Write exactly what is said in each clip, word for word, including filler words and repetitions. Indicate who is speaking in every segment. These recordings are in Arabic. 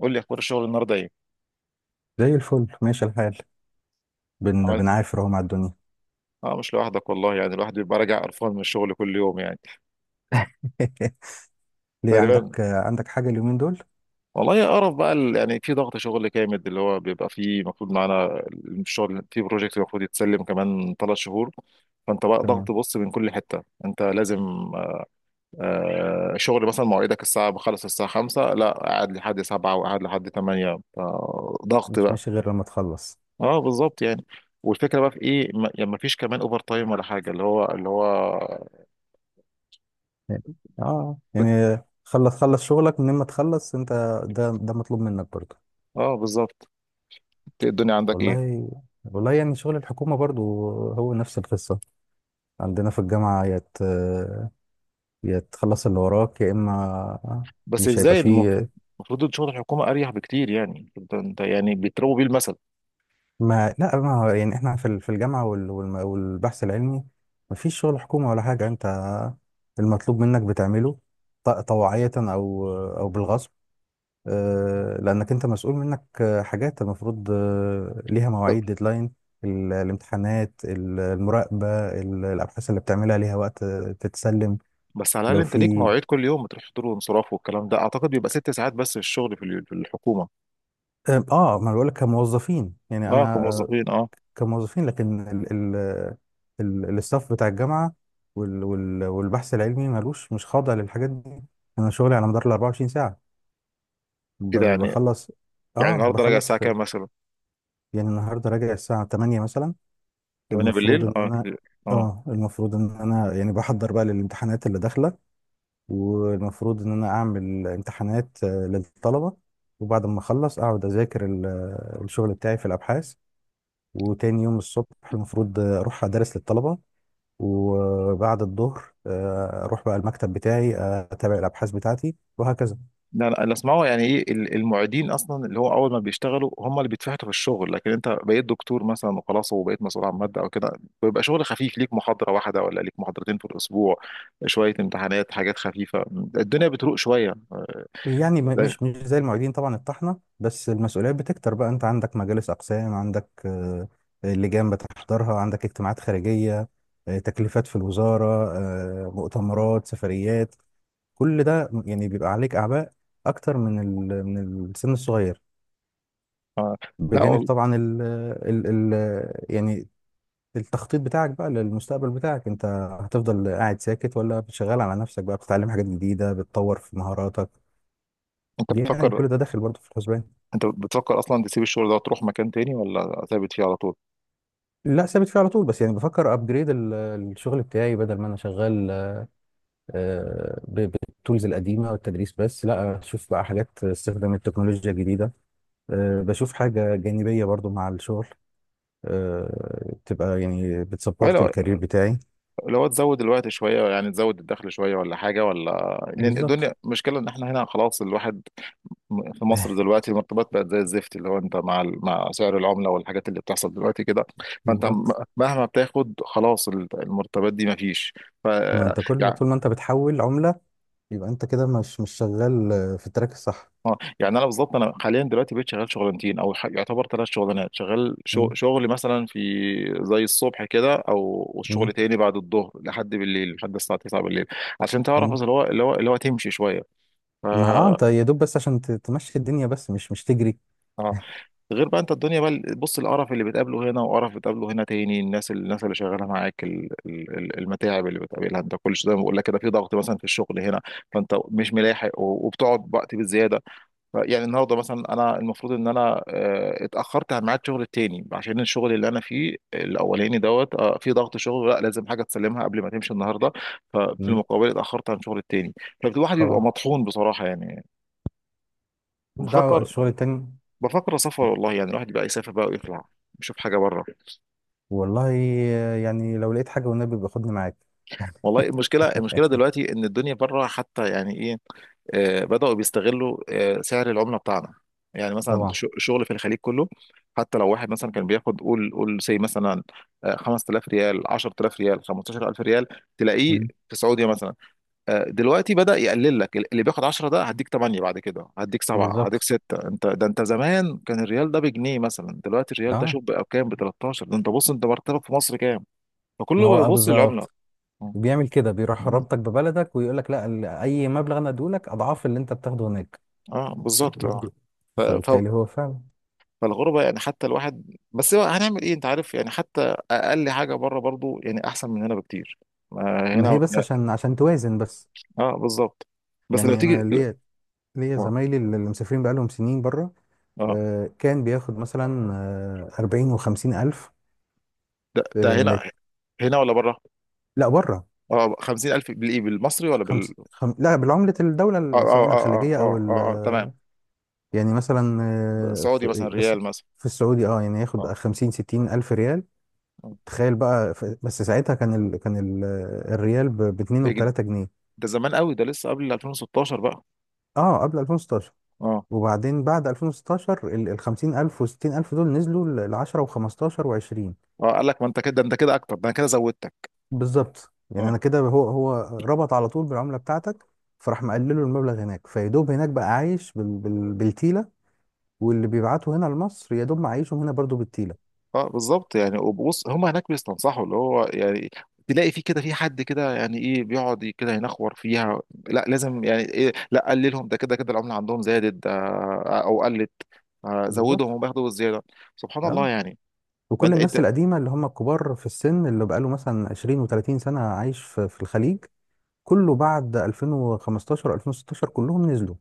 Speaker 1: قول لي اخبار الشغل النهارده ايه؟
Speaker 2: زي الفل، ماشي الحال. بن
Speaker 1: عملت؟
Speaker 2: بنعافر اهو مع الدنيا.
Speaker 1: اه، مش لوحدك والله، يعني الواحد بيبقى راجع قرفان من الشغل كل يوم يعني.
Speaker 2: ليه، عندك
Speaker 1: تقريبا.
Speaker 2: عندك حاجة اليومين دول؟
Speaker 1: والله يا قرف بقى، ال- يعني في ضغط شغل جامد، اللي هو بيبقى فيه المفروض معانا الشغل في بروجكت المفروض يتسلم كمان ثلاث شهور. فانت بقى ضغط،
Speaker 2: تمام،
Speaker 1: بص، من كل حته انت لازم آه شغل، مثلا مواعيدك الساعه، بخلص الساعه خمسة لا قاعد لحد سبعة، وقاعد لحد تمنية. ضغط
Speaker 2: مش
Speaker 1: بقى.
Speaker 2: ماشي غير لما تخلص.
Speaker 1: اه بالظبط يعني. والفكره بقى في ايه، ما يعني مفيش كمان اوفر تايم ولا حاجه، اللي هو اللي هو
Speaker 2: يعني- اه يعني، خلص خلص شغلك من ما تخلص انت. ده ده مطلوب منك برضه.
Speaker 1: اه بالظبط. الدنيا عندك ايه؟
Speaker 2: والله، والله يعني شغل الحكومة برضه هو نفس القصة. عندنا في الجامعة، يا ت- يا تخلص اللي وراك يا اما
Speaker 1: بس
Speaker 2: مش هيبقى
Speaker 1: ازاي؟ المفروض،
Speaker 2: فيه.
Speaker 1: المفروض شغل الحكومه اريح بكتير يعني، انت انت يعني بيضربوا بيه المثل.
Speaker 2: ما لا، ما هو يعني احنا في ال- في الجامعه وال- والم- والبحث العلمي ما فيش شغل حكومه ولا حاجه. انت المطلوب منك بتعمله، ط- طوعيه او او بالغصب، آه، لانك انت مسؤول منك. آه، حاجات المفروض، آه، ليها مواعيد ديدلاين: ال- الامتحانات، ال- المراقبه، ال- الابحاث اللي بتعملها ليها وقت آه، تتسلم.
Speaker 1: بس على الاقل
Speaker 2: لو
Speaker 1: انت ليك
Speaker 2: في.
Speaker 1: مواعيد، كل يوم بتروح حضور وانصراف والكلام ده، اعتقد بيبقى ست ساعات بس الشغل في اليو- في الحكومه.
Speaker 2: اه، آه، ما أنا بقول لك كموظفين، يعني
Speaker 1: اه
Speaker 2: انا، آه،
Speaker 1: كموظفين اه.
Speaker 2: كموظفين، لكن ال ال ال الاستاف بتاع الجامعة وال وال والبحث العلمي مالوش، مش خاضع للحاجات دي. أنا شغلي على مدار ال أربعة وعشرين ساعة. ب-
Speaker 1: كده يعني.
Speaker 2: بخلص،
Speaker 1: يعني
Speaker 2: آه
Speaker 1: النهارده راجع
Speaker 2: بخلص
Speaker 1: الساعه
Speaker 2: في.
Speaker 1: كام مثلا؟
Speaker 2: يعني النهاردة راجع الساعة الثامنة مثلا.
Speaker 1: تمنية
Speaker 2: المفروض
Speaker 1: بالليل،
Speaker 2: إن
Speaker 1: اه
Speaker 2: أنا،
Speaker 1: كده. اه.
Speaker 2: آه المفروض إن أنا يعني بحضر بقى للامتحانات اللي داخلة، والمفروض إن أنا أعمل امتحانات آه، للطلبة، وبعد ما أخلص أقعد أذاكر ال- الشغل بتاعي في الأبحاث، وتاني يوم الصبح المفروض أروح أدرس للطلبة، وبعد الظهر آه، اروح بقى المكتب بتاعي آه، اتابع الابحاث بتاعتي وهكذا.
Speaker 1: لا لا، اللي اسمعه يعني ايه ال- المعيدين اصلا، اللي هو اول ما بيشتغلوا هم اللي بيتفحتوا في الشغل، لكن انت بقيت دكتور مثلا وخلاص، وبقيت مسؤول عن ماده او كده، بيبقى شغل خفيف، ليك محاضره واحده ولا ليك محاضرتين في الاسبوع، شويه امتحانات، حاجات خفيفه، الدنيا بتروق شويه.
Speaker 2: يعني، م-
Speaker 1: لا.
Speaker 2: مش مش زي المعيدين طبعا الطحنه، بس المسؤوليات بتكتر بقى. انت عندك مجالس اقسام، عندك آه، لجان بتحضرها، عندك اجتماعات خارجيه، آه، تكليفات في الوزاره، آه، مؤتمرات، سفريات. كل ده يعني بيبقى عليك اعباء اكتر من ال- من السن الصغير.
Speaker 1: آه. لا
Speaker 2: بجانب
Speaker 1: والله.
Speaker 2: طبعا ال ال ال يعني التخطيط بتاعك بقى للمستقبل بتاعك انت. هتفضل قاعد ساكت، ولا بتشغل على نفسك بقى، بتتعلم حاجات جديدة، بتطور في مهاراتك؟
Speaker 1: انت
Speaker 2: يعني
Speaker 1: بتفكر،
Speaker 2: كل ده داخل برضه في الحسبان.
Speaker 1: انت بتفكر اصلا تسيب الشغل ده وتروح مكان تاني، ولا ثابت فيه على طول؟
Speaker 2: لا، ثابت فيه على طول، بس يعني بفكر ابجريد الشغل بتاعي، بدل ما انا شغال آه، ب- بالتولز القديمه والتدريس بس، لا اشوف بقى حاجات استخدام التكنولوجيا الجديده، آه، بشوف حاجه جانبيه برضو مع الشغل، آه، تبقى يعني
Speaker 1: أي
Speaker 2: بتسبورت
Speaker 1: لو
Speaker 2: الكارير بتاعي.
Speaker 1: لو تزود الوقت شويه، يعني تزود الدخل شويه ولا حاجه؟ ولا، لان الدنيا
Speaker 2: بالظبط،
Speaker 1: مشكله، ان احنا هنا خلاص، الواحد في مصر دلوقتي المرتبات بقت زي الزفت، اللي هو انت مع ال- مع سعر العمله والحاجات اللي بتحصل دلوقتي كده، فانت م-
Speaker 2: بالظبط.
Speaker 1: مهما بتاخد خلاص ال- المرتبات دي مفيش. ف
Speaker 2: ما انت كل
Speaker 1: يعني،
Speaker 2: طول ما انت بتحول عمله، يبقى انت كده مش مش شغال في التراك الصح.
Speaker 1: اه يعني انا بالظبط، انا حاليا دلوقتي بقيت شغال شغلانتين، او ح- يعتبر ثلاث شغلانات، شغال شغ-
Speaker 2: مم.
Speaker 1: شغل مثلا في زي الصبح كده، او والشغل
Speaker 2: مم.
Speaker 1: تاني بعد الظهر لحد بالليل، لحد الساعه تسعة بالليل، عشان تعرف
Speaker 2: مم.
Speaker 1: اللي هو اللي هو اللي هو تمشي شويه. ف
Speaker 2: ما اه، انت يا دوب بس عشان ت- تمشي الدنيا، بس مش مش تجري.
Speaker 1: اه. غير بقى انت الدنيا بقى، بص، القرف اللي بتقابله هنا وقرف بتقابله هنا تاني، الناس الناس اللي شغاله معاك، ال- ال- ال- المتاعب اللي بتقابلها انت كل شويه، زي ما بقول لك كده، في ضغط مثلا في الشغل هنا، فانت مش ملاحق و- وبتقعد وقت بالزياده. ف- يعني النهارده مثلا انا المفروض ان انا آه، اتاخرت عن ميعاد شغل التاني، عشان الشغل اللي انا فيه الاولاني دوت آه، في ضغط شغل، لا لازم حاجه تسلمها قبل ما تمشي النهارده، ففي
Speaker 2: مم.
Speaker 1: المقابل اتاخرت عن شغل التاني. فالواحد بيبقى
Speaker 2: طبعا،
Speaker 1: مطحون بصراحه يعني.
Speaker 2: مش دعوه
Speaker 1: بفكر،
Speaker 2: الشغل التاني.
Speaker 1: بفكر اسافر والله، يعني الواحد يبقى يسافر بقى ويطلع يشوف حاجه بره.
Speaker 2: والله، يعني لو لقيت حاجه والنبي باخدني معاك.
Speaker 1: والله المشكله، المشكله دلوقتي ان الدنيا بره حتى، يعني ايه، آه بداوا بيستغلوا آه سعر العمله بتاعنا، يعني مثلا
Speaker 2: طبعا.
Speaker 1: ش- شغل في الخليج كله، حتى لو واحد مثلا كان بياخد، قول قول سي مثلا آه خمس تلاف ريال، عشر تلاف ريال، خمسة عشر الف ريال، تلاقيه
Speaker 2: مم.
Speaker 1: في السعوديه مثلا، آه، دلوقتي بدأ يقلل لك، اللي بياخد عشرة ده هديك تمنية، بعد كده هديك سبعة، هديك
Speaker 2: بالظبط،
Speaker 1: ستة، انت ده، انت زمان كان الريال ده بجنيه مثلا، دلوقتي الريال ده
Speaker 2: اه.
Speaker 1: شوف بقى بكام، ب تلتاشر، ده انت بص، انت مرتبك في مصر كام؟
Speaker 2: ما
Speaker 1: فكله
Speaker 2: هو اه،
Speaker 1: بيبص للعملة.
Speaker 2: بالظبط.
Speaker 1: اه
Speaker 2: بيعمل كده، بيروح رابطك ببلدك ويقول لك لا، ال- اي مبلغ انا اديه لك اضعاف اللي انت بتاخده هناك.
Speaker 1: آه، بالظبط اه. ف... ف...
Speaker 2: فبالتالي هو فعلا.
Speaker 1: فالغربة، يعني حتى الواحد، بس هو هنعمل ايه، انت عارف يعني، حتى اقل حاجة بره برضو يعني احسن من هنا بكتير، آه،
Speaker 2: ما هي
Speaker 1: هنا
Speaker 2: بس
Speaker 1: يعني.
Speaker 2: عشان عشان توازن بس.
Speaker 1: اه بالظبط. بس لو
Speaker 2: يعني
Speaker 1: تيجي.
Speaker 2: انا ليا، ليا
Speaker 1: اه
Speaker 2: زمايلي اللي مسافرين بقالهم سنين بره،
Speaker 1: آه.
Speaker 2: آه، كان بياخد مثلا آه، أربعين و50 ألف.
Speaker 1: ده, ده
Speaker 2: آه، نت.
Speaker 1: هنا. هنا ولا بره؟
Speaker 2: لا، بره.
Speaker 1: اه خمسين الف بالايه، بالمصري ولا
Speaker 2: خمس
Speaker 1: بال؟
Speaker 2: خم... لا، بالعملة الدولة
Speaker 1: اه
Speaker 2: ال-
Speaker 1: اه
Speaker 2: سواء
Speaker 1: اه اه
Speaker 2: الخليجية
Speaker 1: اه،
Speaker 2: أو
Speaker 1: آه،
Speaker 2: ال.
Speaker 1: آه، آه، تمام.
Speaker 2: يعني مثلا، آه،
Speaker 1: سعودي مثلا،
Speaker 2: في... بس
Speaker 1: ريال مثلا.
Speaker 2: في السعودي، اه يعني ياخد
Speaker 1: اه
Speaker 2: خمسين ستين ألف ريال.
Speaker 1: آه.
Speaker 2: تخيل بقى. ف... بس ساعتها كان ال... كان ال... الريال ب... ب اتنين
Speaker 1: بيجي-
Speaker 2: و3 جنيه.
Speaker 1: ده زمان قوي، ده لسه قبل الفين وستاشر بقى.
Speaker 2: اه، قبل ألفين وستاشر.
Speaker 1: اه.
Speaker 2: وبعدين بعد ألفين وستاشر ال ال خمسين ألف و ستين ألف دول نزلوا ل عشرة و15 و20.
Speaker 1: اه قال لك ما انت كده، ده انت كده اكتر، ده انا كده زودتك.
Speaker 2: بالظبط. يعني
Speaker 1: اه.
Speaker 2: انا كده، هو هو ربط على طول بالعمله بتاعتك، فراح مقلله المبلغ هناك، فيدوب هناك بقى عايش بال... بال... بالتيله، واللي بيبعته هنا لمصر يدوب معيشهم هنا برضو بالتيله.
Speaker 1: اه بالظبط يعني. وبص، هم هناك بيستنصحوا اللي هو يعني، تلاقي في كده، في حد كده يعني ايه بيقعد كده ينخور فيها، لا لازم يعني ايه، لا قللهم، ده كده كده العمله عندهم زادت، ده او قلت آه
Speaker 2: بالظبط،
Speaker 1: زودهم وبياخدوا الزياده. سبحان الله
Speaker 2: اه.
Speaker 1: يعني. ما
Speaker 2: وكل
Speaker 1: انت، انت
Speaker 2: الناس القديمه اللي هم الكبار في السن، اللي بقاله مثلا عشرين و30 سنه عايش في... في الخليج، كله بعد ألفين وخمستاشر ألفين وستاشر كلهم نزلوا.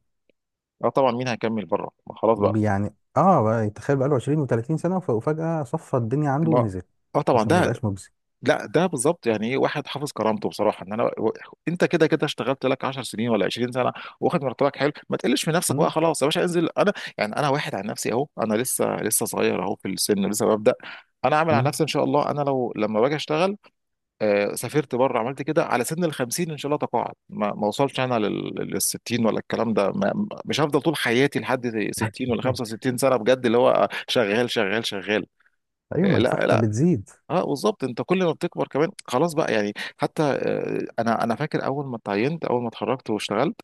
Speaker 1: اه طبعا، مين هيكمل بره؟ ما خلاص بقى.
Speaker 2: يعني اه، بقى تخيل بقاله عشرين و30 سنه، وف- وفجاه صفى الدنيا عنده
Speaker 1: ما
Speaker 2: ونزل،
Speaker 1: اه طبعا
Speaker 2: عشان ما
Speaker 1: ده،
Speaker 2: بقاش مجزي.
Speaker 1: لا ده بالظبط، يعني ايه واحد حافظ كرامته بصراحه، ان انا و... انت كده كده اشتغلت لك عشر سنين ولا عشرين سنه، واخد مرتبك حلو، ما تقلش في نفسك بقى،
Speaker 2: مم.
Speaker 1: خلاص يا باشا انزل. انا يعني انا واحد عن نفسي، اهو انا لسه لسه صغير اهو في السن، لسه ببدا، انا عامل على
Speaker 2: مم.
Speaker 1: نفسي ان شاء الله، انا لو لما باجي اشتغل آه، سافرت بره، عملت كده على سن ال خمسين، ان شاء الله تقاعد، ما, ما وصلش انا لل لل ستين، ولا الكلام ده، ما مش هفضل طول حياتي لحد ستين ولا خمسة وستين سنه بجد، اللي هو شغال شغال شغال.
Speaker 2: ايوه،
Speaker 1: آه،
Speaker 2: ما
Speaker 1: لا
Speaker 2: الفحطه
Speaker 1: لا.
Speaker 2: بتزيد.
Speaker 1: اه بالظبط، انت كل ما بتكبر كمان خلاص بقى يعني. حتى آه، انا انا فاكر، اول ما اتعينت اول ما اتخرجت واشتغلت،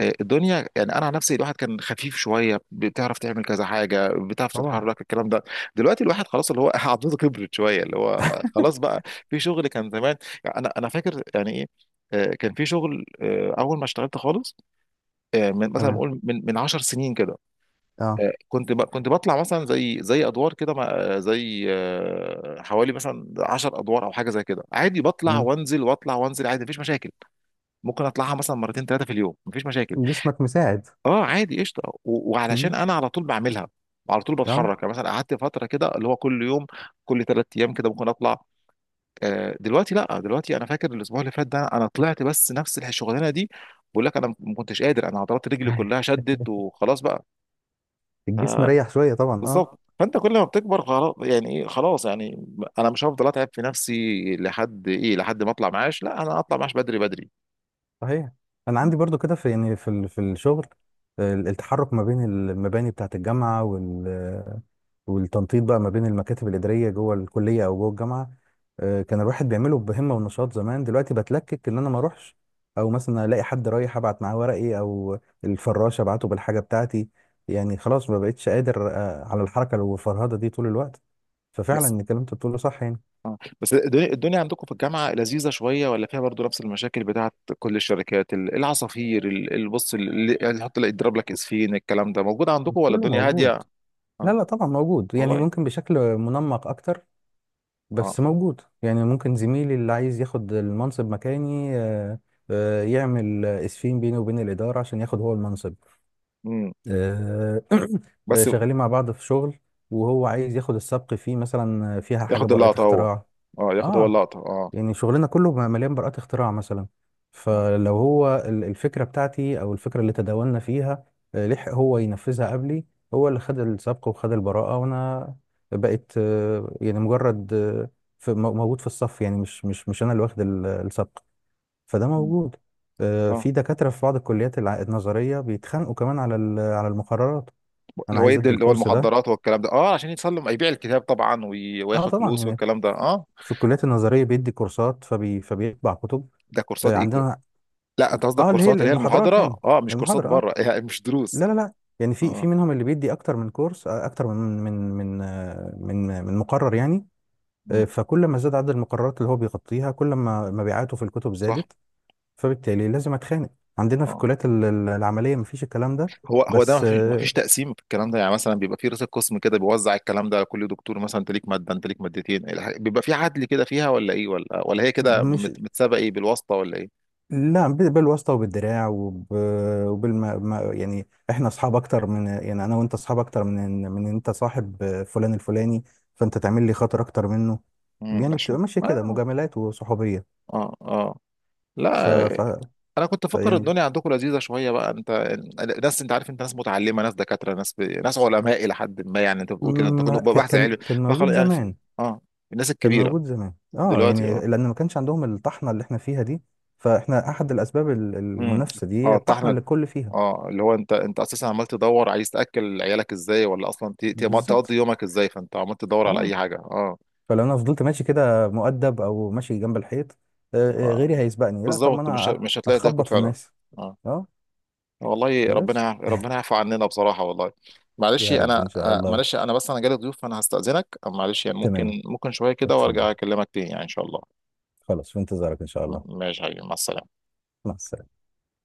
Speaker 1: آه، الدنيا، يعني انا عن نفسي، الواحد كان خفيف شويه، بتعرف تعمل كذا حاجه، بتعرف
Speaker 2: طبعا.
Speaker 1: تتحرك، الكلام ده، دلوقتي الواحد خلاص، اللي هو عضلته كبرت شويه، اللي هو خلاص بقى في شغل كان زمان. يعني انا انا فاكر يعني ايه، آه، كان في شغل، آه، اول ما اشتغلت خالص، آه، من مثلا
Speaker 2: تمام،
Speaker 1: اقول، من من عشر سنين كده،
Speaker 2: اه.
Speaker 1: آه، كنت ب- كنت بطلع مثلا، زي زي ادوار كده، مع- آه، زي آه، حوالي مثلا عشر ادوار او حاجه زي كده، عادي، بطلع
Speaker 2: مم.
Speaker 1: وانزل واطلع وانزل عادي، مفيش مشاكل، ممكن اطلعها مثلا مرتين ثلاثه في اليوم، مفيش مشاكل.
Speaker 2: جسمك مساعد.
Speaker 1: اه عادي قشطه، و- وعلشان
Speaker 2: مم.
Speaker 1: انا على طول بعملها، على طول
Speaker 2: اه،
Speaker 1: بتحرك، يعني مثلا قعدت فتره كده، اللي هو كل يوم، كل ثلاث ايام كده ممكن اطلع. آه، دلوقتي لا دلوقتي انا فاكر الاسبوع اللي فات ده، انا طلعت بس نفس الشغلانه دي، بقول لك انا ما كنتش قادر، انا عضلات رجلي كلها شدت وخلاص بقى.
Speaker 2: الجسم ريح شويه طبعا، اه.
Speaker 1: بالظبط، فانت كل ما بتكبر خلاص يعني ايه، خلاص يعني انا مش هفضل اتعب في نفسي لحد ايه، لحد ما اطلع معاش، لا انا اطلع معاش بدري بدري.
Speaker 2: صحيح. انا عندي برضو كده في، يعني في ال- في الشغل آه، التحرك ما بين المباني بتاعه الجامعه، وال والتنطيط بقى ما بين المكاتب الاداريه جوه الكليه او جوه الجامعه. آه، كان الواحد بيعمله بهمه ونشاط زمان، دلوقتي بتلكك ان انا ما اروحش، او مثلا الاقي حد رايح ابعت معاه ورقي، او الفراشه ابعته بالحاجه بتاعتي. يعني خلاص ما بقتش قادر آه، على الحركه والفرهده دي طول الوقت. ففعلا
Speaker 1: بس
Speaker 2: الكلام اللي انت بتقوله صح، يعني.
Speaker 1: اه، بس الدنيا الدنيا عندكم في الجامعة لذيذة شوية، ولا فيها برضو نفس المشاكل بتاعت كل الشركات، ال- العصافير ال- البص اللي يعني يحط لك يضرب لك اسفين، الكلام ده موجود عندكم ولا
Speaker 2: كله
Speaker 1: الدنيا
Speaker 2: موجود.
Speaker 1: هادية؟
Speaker 2: لا
Speaker 1: اه.
Speaker 2: لا، طبعا موجود، يعني
Speaker 1: والله.
Speaker 2: ممكن بشكل منمق اكتر،
Speaker 1: اه.
Speaker 2: بس موجود. يعني ممكن زميلي اللي عايز ياخد المنصب مكاني آه، آه، يعمل اسفين بيني وبين الاداره عشان ياخد هو المنصب.
Speaker 1: امم.
Speaker 2: آه،
Speaker 1: بس
Speaker 2: شغالين مع بعض في شغل وهو عايز ياخد السبق فيه، مثلا فيها حاجه
Speaker 1: ياخد
Speaker 2: براءه
Speaker 1: اللقطة هو؟
Speaker 2: اختراع.
Speaker 1: اه ياخد هو
Speaker 2: اه،
Speaker 1: اللقطة اه.
Speaker 2: يعني شغلنا كله مليان براءات اختراع مثلا.
Speaker 1: اه
Speaker 2: فلو هو ال- الفكرة بتاعتي، أو الفكرة اللي تداولنا فيها، آه، لحق هو ينفذها قبلي، هو اللي خد السبق وخد البراءة، وأنا بقيت آه، يعني مجرد آه، في- مو- موجود في الصف، يعني مش مش مش أنا اللي واخد ال- السبق. فده
Speaker 1: مم.
Speaker 2: موجود. آه،
Speaker 1: اه
Speaker 2: في دكاترة في بعض الكليات الع- النظرية بيتخانقوا كمان على ال- على المقررات.
Speaker 1: اللي
Speaker 2: أنا
Speaker 1: هو
Speaker 2: عايز
Speaker 1: يدي
Speaker 2: أدي
Speaker 1: اللي هو
Speaker 2: الكورس ده.
Speaker 1: المخدرات والكلام ده، اه عشان يتسلم يبيع الكتاب طبعا وي-
Speaker 2: أه
Speaker 1: وياخد
Speaker 2: طبعا،
Speaker 1: فلوس
Speaker 2: يعني
Speaker 1: والكلام ده اه.
Speaker 2: في الكليات النظرية بيدي كورسات فبي فبيطبع كتب.
Speaker 1: ده كورسات
Speaker 2: آه،
Speaker 1: ايه؟
Speaker 2: عندنا.
Speaker 1: لا انت قصدك
Speaker 2: اه، اللي هي
Speaker 1: كورسات اللي هي
Speaker 2: المحاضرات يعني،
Speaker 1: المحاضرة، اه، مش كورسات
Speaker 2: المحاضرة، اه.
Speaker 1: بره يعني مش دروس.
Speaker 2: لا لا لا. يعني
Speaker 1: اه
Speaker 2: في في
Speaker 1: آه،
Speaker 2: منهم اللي بيدي اكتر من كورس آه، اكتر من، من من آه، من من مقرر يعني. آه،
Speaker 1: مم.
Speaker 2: فكل ما زاد عدد المقررات اللي هو بيغطيها، كل ما مبيعاته في الكتب
Speaker 1: صح.
Speaker 2: زادت، فبالتالي لازم اتخانق. عندنا في
Speaker 1: اه
Speaker 2: الكليات ال- ال- العملية مفيش الكلام ده.
Speaker 1: هو هو ده
Speaker 2: بس
Speaker 1: ما فيش ما
Speaker 2: آه،
Speaker 1: فيش تقسيم في الكلام ده، يعني مثلا بيبقى في رئيس القسم كده، بيوزع الكلام ده على كل دكتور، مثلا انت ليك ماده، انت ليك مادتين، الح- بيبقى في عدل كده فيها ولا ايه، ولا ولا هي كده
Speaker 2: مش
Speaker 1: مت- متسابقه، ايه، بالواسطه ولا ايه؟
Speaker 2: لا، ب- بالواسطة، وبالدراع، وب... وبالما ما- يعني احنا اصحاب اكتر من، يعني انا وانت اصحاب اكتر من. إن- من إن انت صاحب فلان الفلاني، فانت تعمل لي خاطر اكتر منه.
Speaker 1: امم
Speaker 2: يعني
Speaker 1: عشان
Speaker 2: بتبقى ماشية كده
Speaker 1: اه.
Speaker 2: مجاملات وصحوبية.
Speaker 1: اه اه
Speaker 2: ف...
Speaker 1: لا.
Speaker 2: ف...
Speaker 1: انا كنت
Speaker 2: ف
Speaker 1: فاكر
Speaker 2: يعني
Speaker 1: الدنيا عندكم لذيذه شويه بقى انت، ناس انت عارف، انت ناس متعلمه، ناس دكاتره، ناس ب... ناس علماء الى حد ما يعني، انت بتقول كده انت كله
Speaker 2: ما... ك...
Speaker 1: بحث علمي،
Speaker 2: كان كان موجود
Speaker 1: فخلاص يعني في...
Speaker 2: زمان.
Speaker 1: اه الناس
Speaker 2: كان
Speaker 1: الكبيره.
Speaker 2: موجود زمان اه،
Speaker 1: دلوقتي
Speaker 2: يعني
Speaker 1: آه.
Speaker 2: لان ما كانش عندهم الطحنة اللي احنا فيها دي. فاحنا احد الاسباب ال-
Speaker 1: امم.
Speaker 2: المنافسة دي،
Speaker 1: اه
Speaker 2: الطحنة
Speaker 1: الطحنه.
Speaker 2: اللي الكل فيها.
Speaker 1: اه اللي هو انت انت اساسا عمال تدور، عايز تاكل عيالك ازاي، ولا اصلا ت- ت- تقضي
Speaker 2: بالظبط،
Speaker 1: يومك ازاي، فانت عمال تدور على
Speaker 2: اه.
Speaker 1: اي حاجه اه.
Speaker 2: فلو انا فضلت ماشي كده مؤدب، او ماشي جنب الحيط، آه، آه، غيري
Speaker 1: آه،
Speaker 2: هيسبقني. لا، طب ما
Speaker 1: بالظبط، مش ه-
Speaker 2: انا
Speaker 1: مش هتلاقي تاكل
Speaker 2: اخبط في
Speaker 1: فعلا.
Speaker 2: الناس.
Speaker 1: اه.
Speaker 2: اه.
Speaker 1: والله ربنا
Speaker 2: بس.
Speaker 1: يعف- ربنا يعفو عننا بصراحه والله. معلش
Speaker 2: يا رب
Speaker 1: انا
Speaker 2: ان شاء
Speaker 1: آه،
Speaker 2: الله.
Speaker 1: معلش انا، بس انا جالي ضيوف فانا هستاذنك، معلش يعني،
Speaker 2: تمام،
Speaker 1: ممكن ممكن شويه كده
Speaker 2: اتفضل.
Speaker 1: وارجع اكلمك تاني يعني ان شاء الله.
Speaker 2: خلاص، في انتظارك ان شاء الله.
Speaker 1: م- ماشي يا حبيبي، مع السلامه.
Speaker 2: مع السلامه.